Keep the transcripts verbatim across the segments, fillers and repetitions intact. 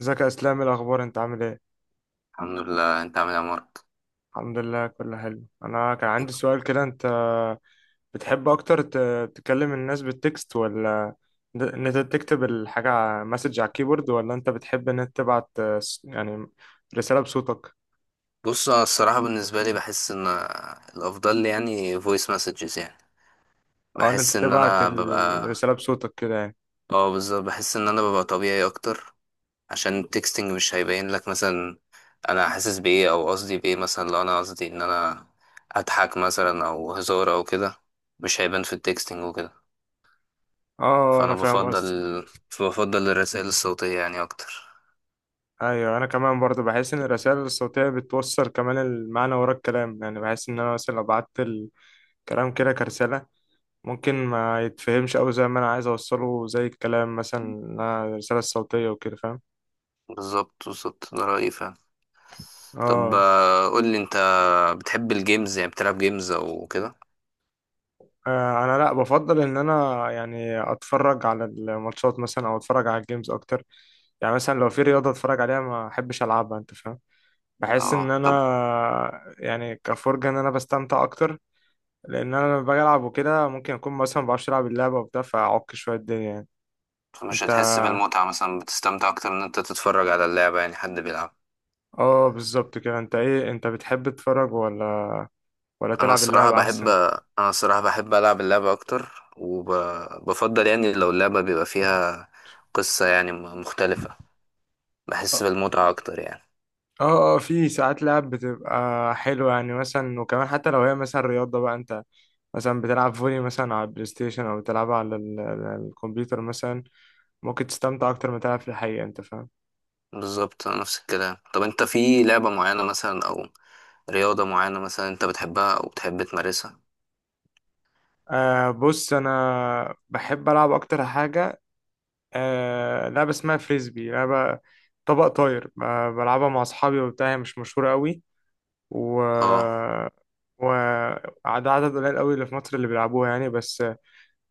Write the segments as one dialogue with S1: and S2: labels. S1: ازيك يا اسلام، إيه الاخبار؟ انت عامل ايه؟
S2: الحمد لله. انت عامل ايه يا مارك؟
S1: الحمد لله، كله حلو. انا كان عندي سؤال كده. انت بتحب اكتر ت- تكلم الناس بالتكست، ولا د- ان انت تكتب الحاجه على- مسج على الكيبورد، ولا انت بتحب ان انت تبعت آه، س- يعني رساله بصوتك؟
S2: بص انا الصراحه بالنسبه لي بحس ان الافضل لي يعني فويس مسجز، يعني
S1: اه، ان انت
S2: بحس ان
S1: تبعت
S2: انا ببقى.
S1: الرساله بصوتك كده، يعني.
S2: اه بالظبط، بحس ان انا ببقى طبيعي اكتر، عشان التكستنج مش هيبين لك مثلا انا حاسس بايه او قصدي بايه، مثلا لو انا قصدي ان انا اضحك مثلا او هزار او كده مش هيبان في التكستنج وكده.
S1: اه، انا
S2: فانا
S1: فاهم
S2: بفضل
S1: قصدك.
S2: بفضل الرسائل الصوتيه يعني اكتر.
S1: ايوه، انا كمان برضه بحس ان الرسائل الصوتيه بتوصل كمان المعنى ورا الكلام، يعني بحس ان انا مثلا لو بعت الكلام كده كرساله ممكن ما يتفهمش أوي زي ما أنا عايز أوصله، زي الكلام مثلا إنها الرسالة الصوتية وكده، فاهم.
S2: بالظبط بالظبط، ده رايي فعلا. طب
S1: آه.
S2: آه، قول لي انت، بتحب الجيمز؟ يعني بتلعب جيمز او كده؟
S1: آه، أنا لأ، بفضل إن أنا يعني أتفرج على الماتشات مثلا أو أتفرج على الجيمز أكتر. يعني مثلا لو في رياضة أتفرج عليها، ما أحبش ألعبها، أنت فاهم. بحس إن
S2: اه
S1: أنا.
S2: طب،
S1: يعني كفرجة إن أنا بستمتع أكتر. لأن أنا لما باجي ألعب وكده ممكن أكون مثلا مبعرفش ألعب اللعبة وبتاع، فأعك شوية الدنيا يعني.
S2: مش
S1: أنت.
S2: هتحس بالمتعة؟ مثلا بتستمتع اكتر ان انت تتفرج على اللعبة يعني حد بيلعب؟
S1: آه بالظبط كده. أنت إيه؟ أنت بتحب تتفرج ولا ولا
S2: انا
S1: تلعب
S2: الصراحة
S1: اللعبة
S2: بحب
S1: أحسن؟
S2: انا الصراحة بحب العب اللعبة اكتر، وبفضل يعني لو اللعبة بيبقى فيها قصة يعني م- مختلفة. بحس بالمتعة اكتر يعني.
S1: اه، اه، في ساعات لعب بتبقى حلوة يعني، مثلا. وكمان حتى لو هي مثلا رياضة بقى، انت مثلا بتلعب فولي مثلا على البلاي ستيشن، او بتلعب على ال- ال- الكمبيوتر مثلا، ممكن تستمتع اكتر ما تلعب في الحقيقة، انت فاهم.
S2: بالظبط نفس الكلام. طب انت في لعبة معينة مثلا او رياضة معينة مثلا انت بتحبها او بتحب تمارسها؟
S1: آه بص، انا بحب العب اكتر حاجة. آه لعبة اسمها فريسبي، لعبة طبق طاير. آه بلعبها مع اصحابي وبتاع، هي مش مشهورة قوي. و
S2: اه
S1: و عدد عدد قليل قوي اللي في مصر اللي بيلعبوها يعني. بس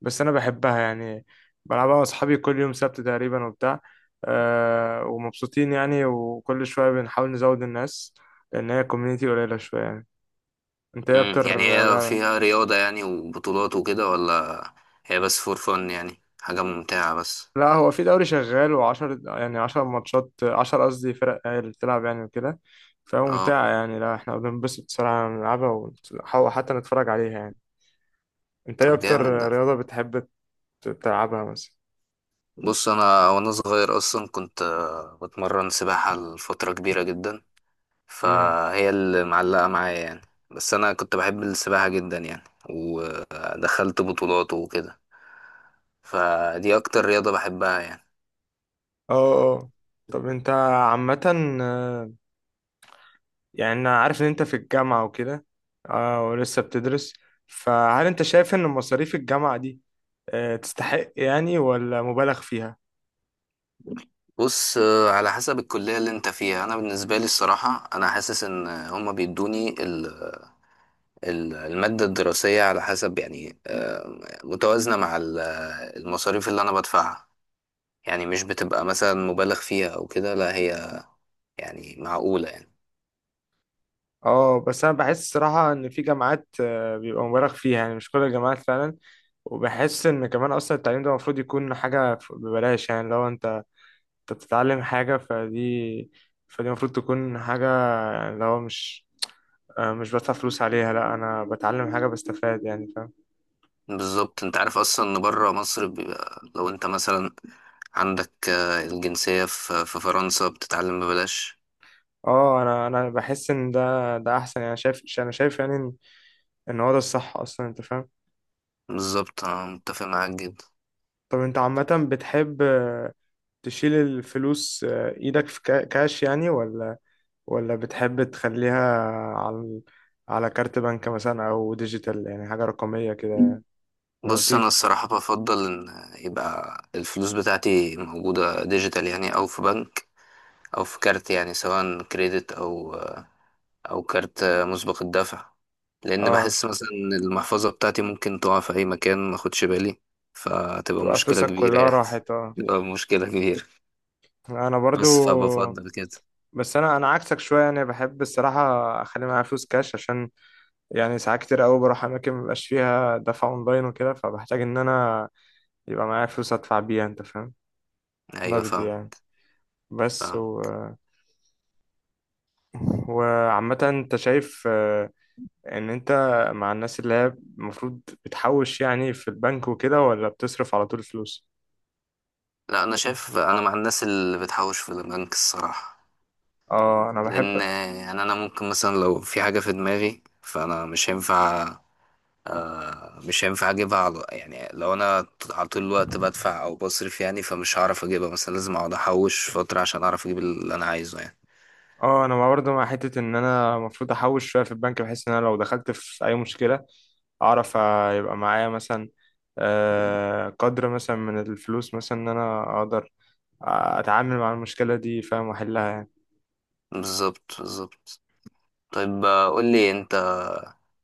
S1: بس انا بحبها يعني. بلعبها مع اصحابي كل يوم سبت تقريبا وبتاع. أه ومبسوطين يعني، وكل شويه بنحاول نزود الناس، لان هي كوميونيتي قليله شويه يعني. انت ايه
S2: امم
S1: اكتر؟
S2: يعني هي
S1: لا،
S2: فيها رياضة يعني وبطولات وكده ولا هي بس فور فن؟ يعني حاجة ممتعة بس.
S1: لا، هو في دوري شغال، وعشر يعني عشر ماتشات، عشر قصدي فرق هي اللي بتلعب يعني وكده،
S2: اه
S1: فممتعة يعني. لا، احنا بننبسط صراحة نلعبها، ونحاول حتى نتفرج عليها يعني. انت ايه
S2: طب
S1: اكتر
S2: جامد ده.
S1: رياضة بتحب تلعبها مثلا؟
S2: بص انا وانا صغير اصلا كنت آه، بتمرن سباحة لفترة كبيرة جدا،
S1: مم.
S2: فهي اللي معلقة معايا يعني. بس انا كنت بحب السباحة جدا يعني، ودخلت بطولات وكده، فدي اكتر رياضة بحبها يعني.
S1: اه، اه، طب انت عامة، يعني انا عارف ان انت في الجامعة وكده، اه، ولسه بتدرس، فهل انت شايف ان مصاريف الجامعة دي آه، تستحق يعني، ولا مبالغ فيها؟
S2: بص آه، على حسب الكلية اللي انت فيها. انا بالنسبة لي الصراحة انا حاسس ان هما بيدوني ال- المادة الدراسية على حسب يعني آه، متوازنة مع ال- المصاريف اللي أنا بدفعها. يعني مش بتبقى مثلا مبالغ فيها أو كده، لا هي يعني معقولة يعني.
S1: اه، بس انا بحس الصراحة ان في جامعات آه، بيبقى مبالغ فيها، يعني مش كل الجامعات فعلا. وبحس ان كمان اصلا التعليم ده المفروض يكون حاجة ف- ببلاش، يعني لو انت انت بتتعلم حاجة، فدي فدي المفروض تكون حاجة يعني، لو مش آه، مش بدفع فلوس عليها، لا انا بتعلم حاجة بستفاد يعني، فاهم.
S2: بالظبط، أنت عارف أصلا إن بره مصر بيبقى لو أنت مثلا عندك آه، الجنسية في في فرنسا بتتعلم ببلاش.
S1: اه، انا انا بحس ان ده ده احسن يعني، شايف، انا شايف يعني ان إن هو ده الصح اصلا، انت فاهم.
S2: بالظبط، أنا متفق معاك جدا.
S1: طب انت عامة بتحب آه، تشيل الفلوس آه، ايدك في كا- كاش يعني، ولا ولا بتحب تخليها على على كارت بنك مثلا، او ديجيتال يعني حاجة رقمية كده؟ لما
S2: بص أنا
S1: بتيجي.
S2: الصراحة بفضل إن يبقى الفلوس بتاعتي موجودة ديجيتال يعني، أو في بنك أو في كارت، يعني سواء كريدت أو او كارت مسبق الدفع. لان
S1: اه.
S2: بحس مثلا إن المحفظة بتاعتي ممكن تقع في اي مكان ما اخدش بالي، فتبقى
S1: تبقى
S2: مشكلة
S1: فلوسك
S2: كبيرة
S1: كلها
S2: يعني.
S1: راحت. اه.
S2: تبقى مشكلة كبيرة.
S1: انا برضو.
S2: بس فبفضل كده.
S1: بس انا انا عكسك شوية يعني، بحب الصراحة اخلي معايا فلوس كاش، عشان يعني ساعات كتير قوي بروح اماكن مبقاش فيها دفع اونلاين وكده، فبحتاج ان انا يبقى معايا فلوس ادفع بيها، انت فاهم،
S2: ايوه
S1: نقدي
S2: فاهم.
S1: يعني. بس.
S2: فاهم.
S1: و... وعامة انت شايف آه، ان انت مع الناس اللي هي المفروض بتحوش يعني في البنك وكده، ولا بتصرف على طول فلوس؟
S2: لا انا شايف، انا مع الناس اللي بتحوش في البنك الصراحة.
S1: اه، انا بحب.
S2: لان يعني انا ممكن مثلا لو في حاجة في دماغي فانا مش هينفع آه مش هينفع اجيبها، على يعني لو انا على طول الوقت بدفع او بصرف يعني فمش هعرف اجيبها، مثلا لازم اقعد احوش فترة عشان اعرف اجيب اللي انا عايزه يعني.
S1: اه، انا برضه مع حتة ان انا المفروض احوش شوية في البنك، بحيث ان انا لو دخلت في اي مشكلة اعرف آه، يبقى معايا مثلا آه، قدر مثلا من الفلوس، مثلا ان انا اقدر اتعامل مع المشكله دي، فاهم، واحلها يعني.
S2: بالظبط بالظبط. طيب آه، قول لي انت،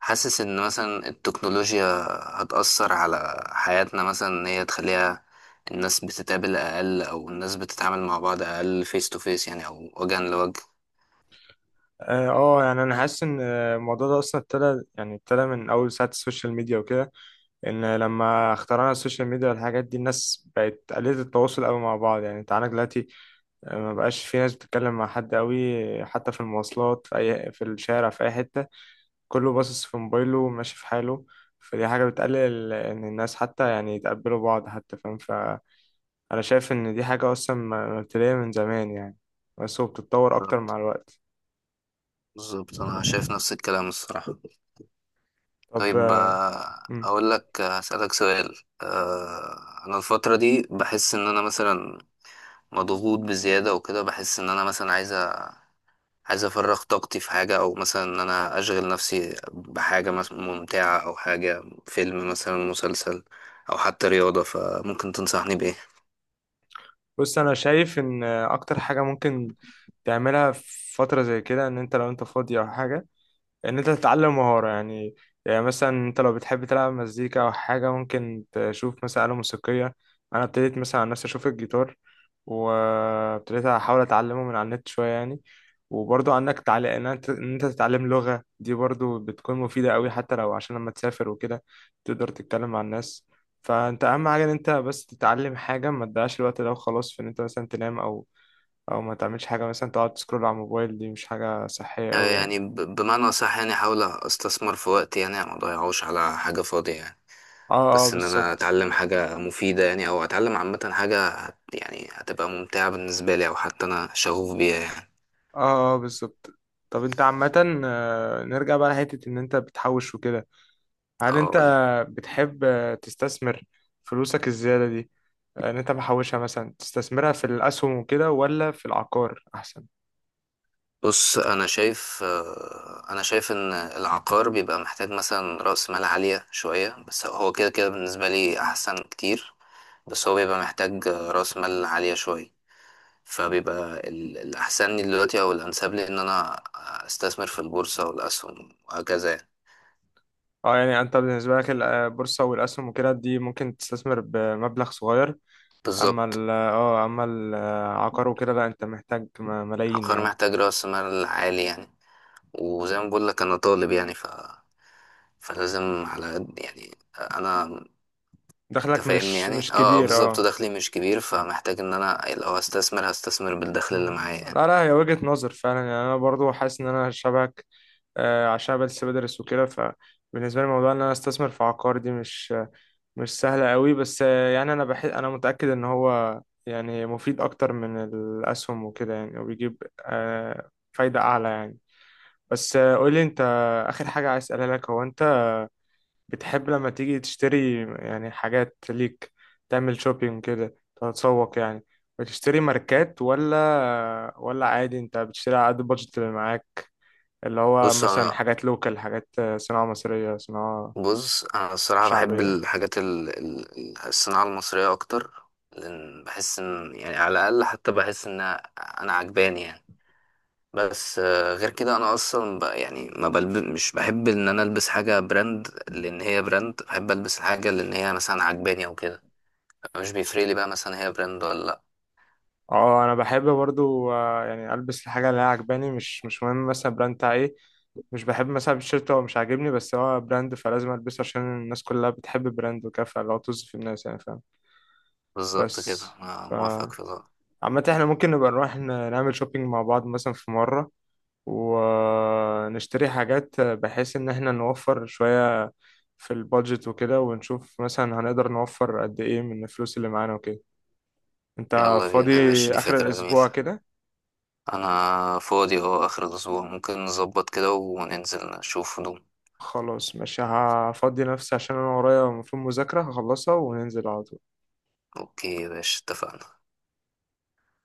S2: حاسس ان مثلا التكنولوجيا هتأثر على حياتنا مثلا ان هي تخليها الناس بتتقابل اقل او الناس بتتعامل مع بعض اقل فيس تو فيس يعني او وجها لوجه؟
S1: اه، آه، يعني انا حاسس ان الموضوع ده اصلا ابتدى يعني ابتدى من اول ساعه السوشيال ميديا وكده. ان لما اخترعنا السوشيال ميديا والحاجات دي، الناس بقت قليله التواصل قوي مع بعض يعني. انت عندك دلوقتي آه، ما بقاش في ناس بتتكلم مع حد قوي، حتى في المواصلات، في اي، في الشارع، في اي حته، كله باصص في موبايله وماشي في حاله. فدي حاجه بتقلل ان الناس حتى يعني يتقبلوا بعض حتى، فاهم. ف انا شايف ان دي حاجة اصلا م- مبتدئية من زمان يعني، بس هو بتتطور اكتر مع الوقت.
S2: بالظبط، انا شايف نفس الكلام الصراحة.
S1: طب.
S2: طيب
S1: آه،
S2: آه،
S1: مم.
S2: اقول لك آه، هسألك سؤال. آه، انا الفترة دي بحس ان انا مثلا مضغوط بزيادة وكده، بحس ان انا مثلا عايز أ- عايز افرغ طاقتي في حاجة، او مثلا ان انا اشغل نفسي بحاجة مثلا ممتعة، او حاجة فيلم مثلا مسلسل او حتى رياضة، فممكن تنصحني بايه؟
S1: بص انا شايف ان آه، اكتر حاجة ممكن تعملها في فترة زي كده، ان انت لو انت فاضي او حاجة، ان انت تتعلم مهارة يعني. يعني مثلا انت لو بتحب تلعب مزيكا او حاجة، ممكن تشوف مثلا آلة موسيقية. انا ابتديت مثلا عن نفسي اشوف الجيتار، وابتديت احاول اتعلمه من على النت شوية يعني. وبرضه عندك تعليق ان انت إن أنت تتعلم لغة دي برضه بتكون مفيدة قوي، حتى لو عشان لما تسافر وكده تقدر تتكلم مع الناس. فانت اهم حاجة ان انت بس تتعلم حاجة، ما تضيعش الوقت ده وخلاص في ان انت مثلا تنام، او او ما تعملش حاجة مثلا، تقعد تسكرول على الموبايل، دي مش حاجة صحية
S2: آه،
S1: قوي يعني.
S2: يعني ب- بمعنى صح؟ يعني احاول استثمر في وقتي يعني ما اضيعوش على حاجة فاضية يعني،
S1: اه، اه،
S2: بس ان انا
S1: بالظبط.
S2: اتعلم حاجة مفيدة يعني، او اتعلم عامة حاجة هت يعني هتبقى ممتعة بالنسبة لي او حتى انا شغوف بيها يعني.
S1: اه، اه، بالظبط. طب انت عامة، آه، نرجع بقى لحتة ان انت بتحوش وكده، هل انت
S2: اقول
S1: بتحب آه، تستثمر فلوسك الزيادة دي، آه، ان انت محوشها مثلا تستثمرها في الاسهم وكده، ولا في العقار احسن؟
S2: بص انا شايف آه، انا شايف ان العقار بيبقى محتاج مثلا رأس مال عالية شوية، بس هو كده كده بالنسبة لي احسن كتير. بس هو بيبقى محتاج آه، رأس مال عالية شوية. فبيبقى ال- الأحسن لي دلوقتي أو الأنسب لي إن أنا أستثمر في البورصة والأسهم وهكذا يعني.
S1: اه، يعني انت بالنسبة لك البورصة والاسهم وكده دي ممكن تستثمر بمبلغ صغير، اما
S2: بالظبط،
S1: ال اه اما العقار وكده لا، انت محتاج م- ملايين
S2: عقار
S1: يعني.
S2: محتاج رأس مال عالي يعني. وزي ما بقول لك انا طالب يعني، ف... فلازم على قد يعني انا
S1: دخلك
S2: تفاهمني
S1: مش
S2: يعني.
S1: مش
S2: اه آه،
S1: كبير
S2: بالظبط،
S1: آه.
S2: دخلي مش كبير، فمحتاج ان انا لو هستثمر هستثمر بالدخل اللي
S1: مم.
S2: معايا يعني.
S1: لا، لا، هي وجهة نظر فعلا يعني. انا برضو حاسس ان انا شبهك، آه، عشان بس بدرس وكده، فبالنسبه لي موضوع ان انا استثمر في عقار دي مش مش سهله قوي. بس آه، يعني انا بحس، انا متاكد ان هو يعني مفيد اكتر من الاسهم وكده يعني، وبيجيب آه، فايده اعلى يعني. بس آه، قول لي انت، اخر حاجه عايز اسالها لك، هو انت بتحب لما تيجي تشتري يعني حاجات ليك، تعمل شوبينج كده، تتسوق يعني، بتشتري ماركات، ولا ولا عادي انت بتشتري على قد البادجت اللي معاك، اللي هو
S2: بص
S1: مثلا
S2: انا
S1: حاجات لوكال، حاجات صناعة مصرية، صناعة
S2: بص انا الصراحه بحب
S1: شعبية؟
S2: الحاجات ال... ال- ال- الصناعه المصريه اكتر. لان بحس ان يعني على الاقل، حتى بحس ان انا عجباني يعني. بس آه، غير كده انا اصلا ب... يعني ما بلب... مش بحب ان انا البس حاجه براند لان هي براند، بحب البس الحاجه لان هي مثلا عجباني او كده. مش بيفرق لي بقى مثلا هي براند ولا لأ.
S1: اه، انا بحب برضو، آه، يعني البس الحاجة اللي هي عجباني، مش مش مهم مثلا البراند بتاع ايه. مش بحب مثلا التيشيرت هو مش عاجبني، بس هو براند فلازم البسه عشان الناس كلها بتحب البراند وكده، فلو طز في الناس يعني، فاهم.
S2: بالظبط
S1: بس،
S2: كده، أنا
S1: ف
S2: موافقك في ده.
S1: عامة احنا ممكن نبقى نروح ن- نعمل شوبينج مع بعض مثلا في مرة، ونشتري حاجات بحيث ان احنا نوفر شوية في البادجت وكده، ونشوف مثلا هنقدر نوفر قد ايه من الفلوس اللي معانا وكده. انت
S2: يلا
S1: فاضي
S2: بينا يا باشا، دي
S1: اخر
S2: فكرة جميلة.
S1: الاسبوع كده؟
S2: أنا فاضي أهو آخر الأسبوع، ممكن نظبط كده وننزل نشوف هدوم.
S1: خلاص، ماشي، هفضي نفسي عشان انا ورايا المفروض مذاكرة هخلصها وننزل على طول.
S2: أوكي يا باشا اتفقنا.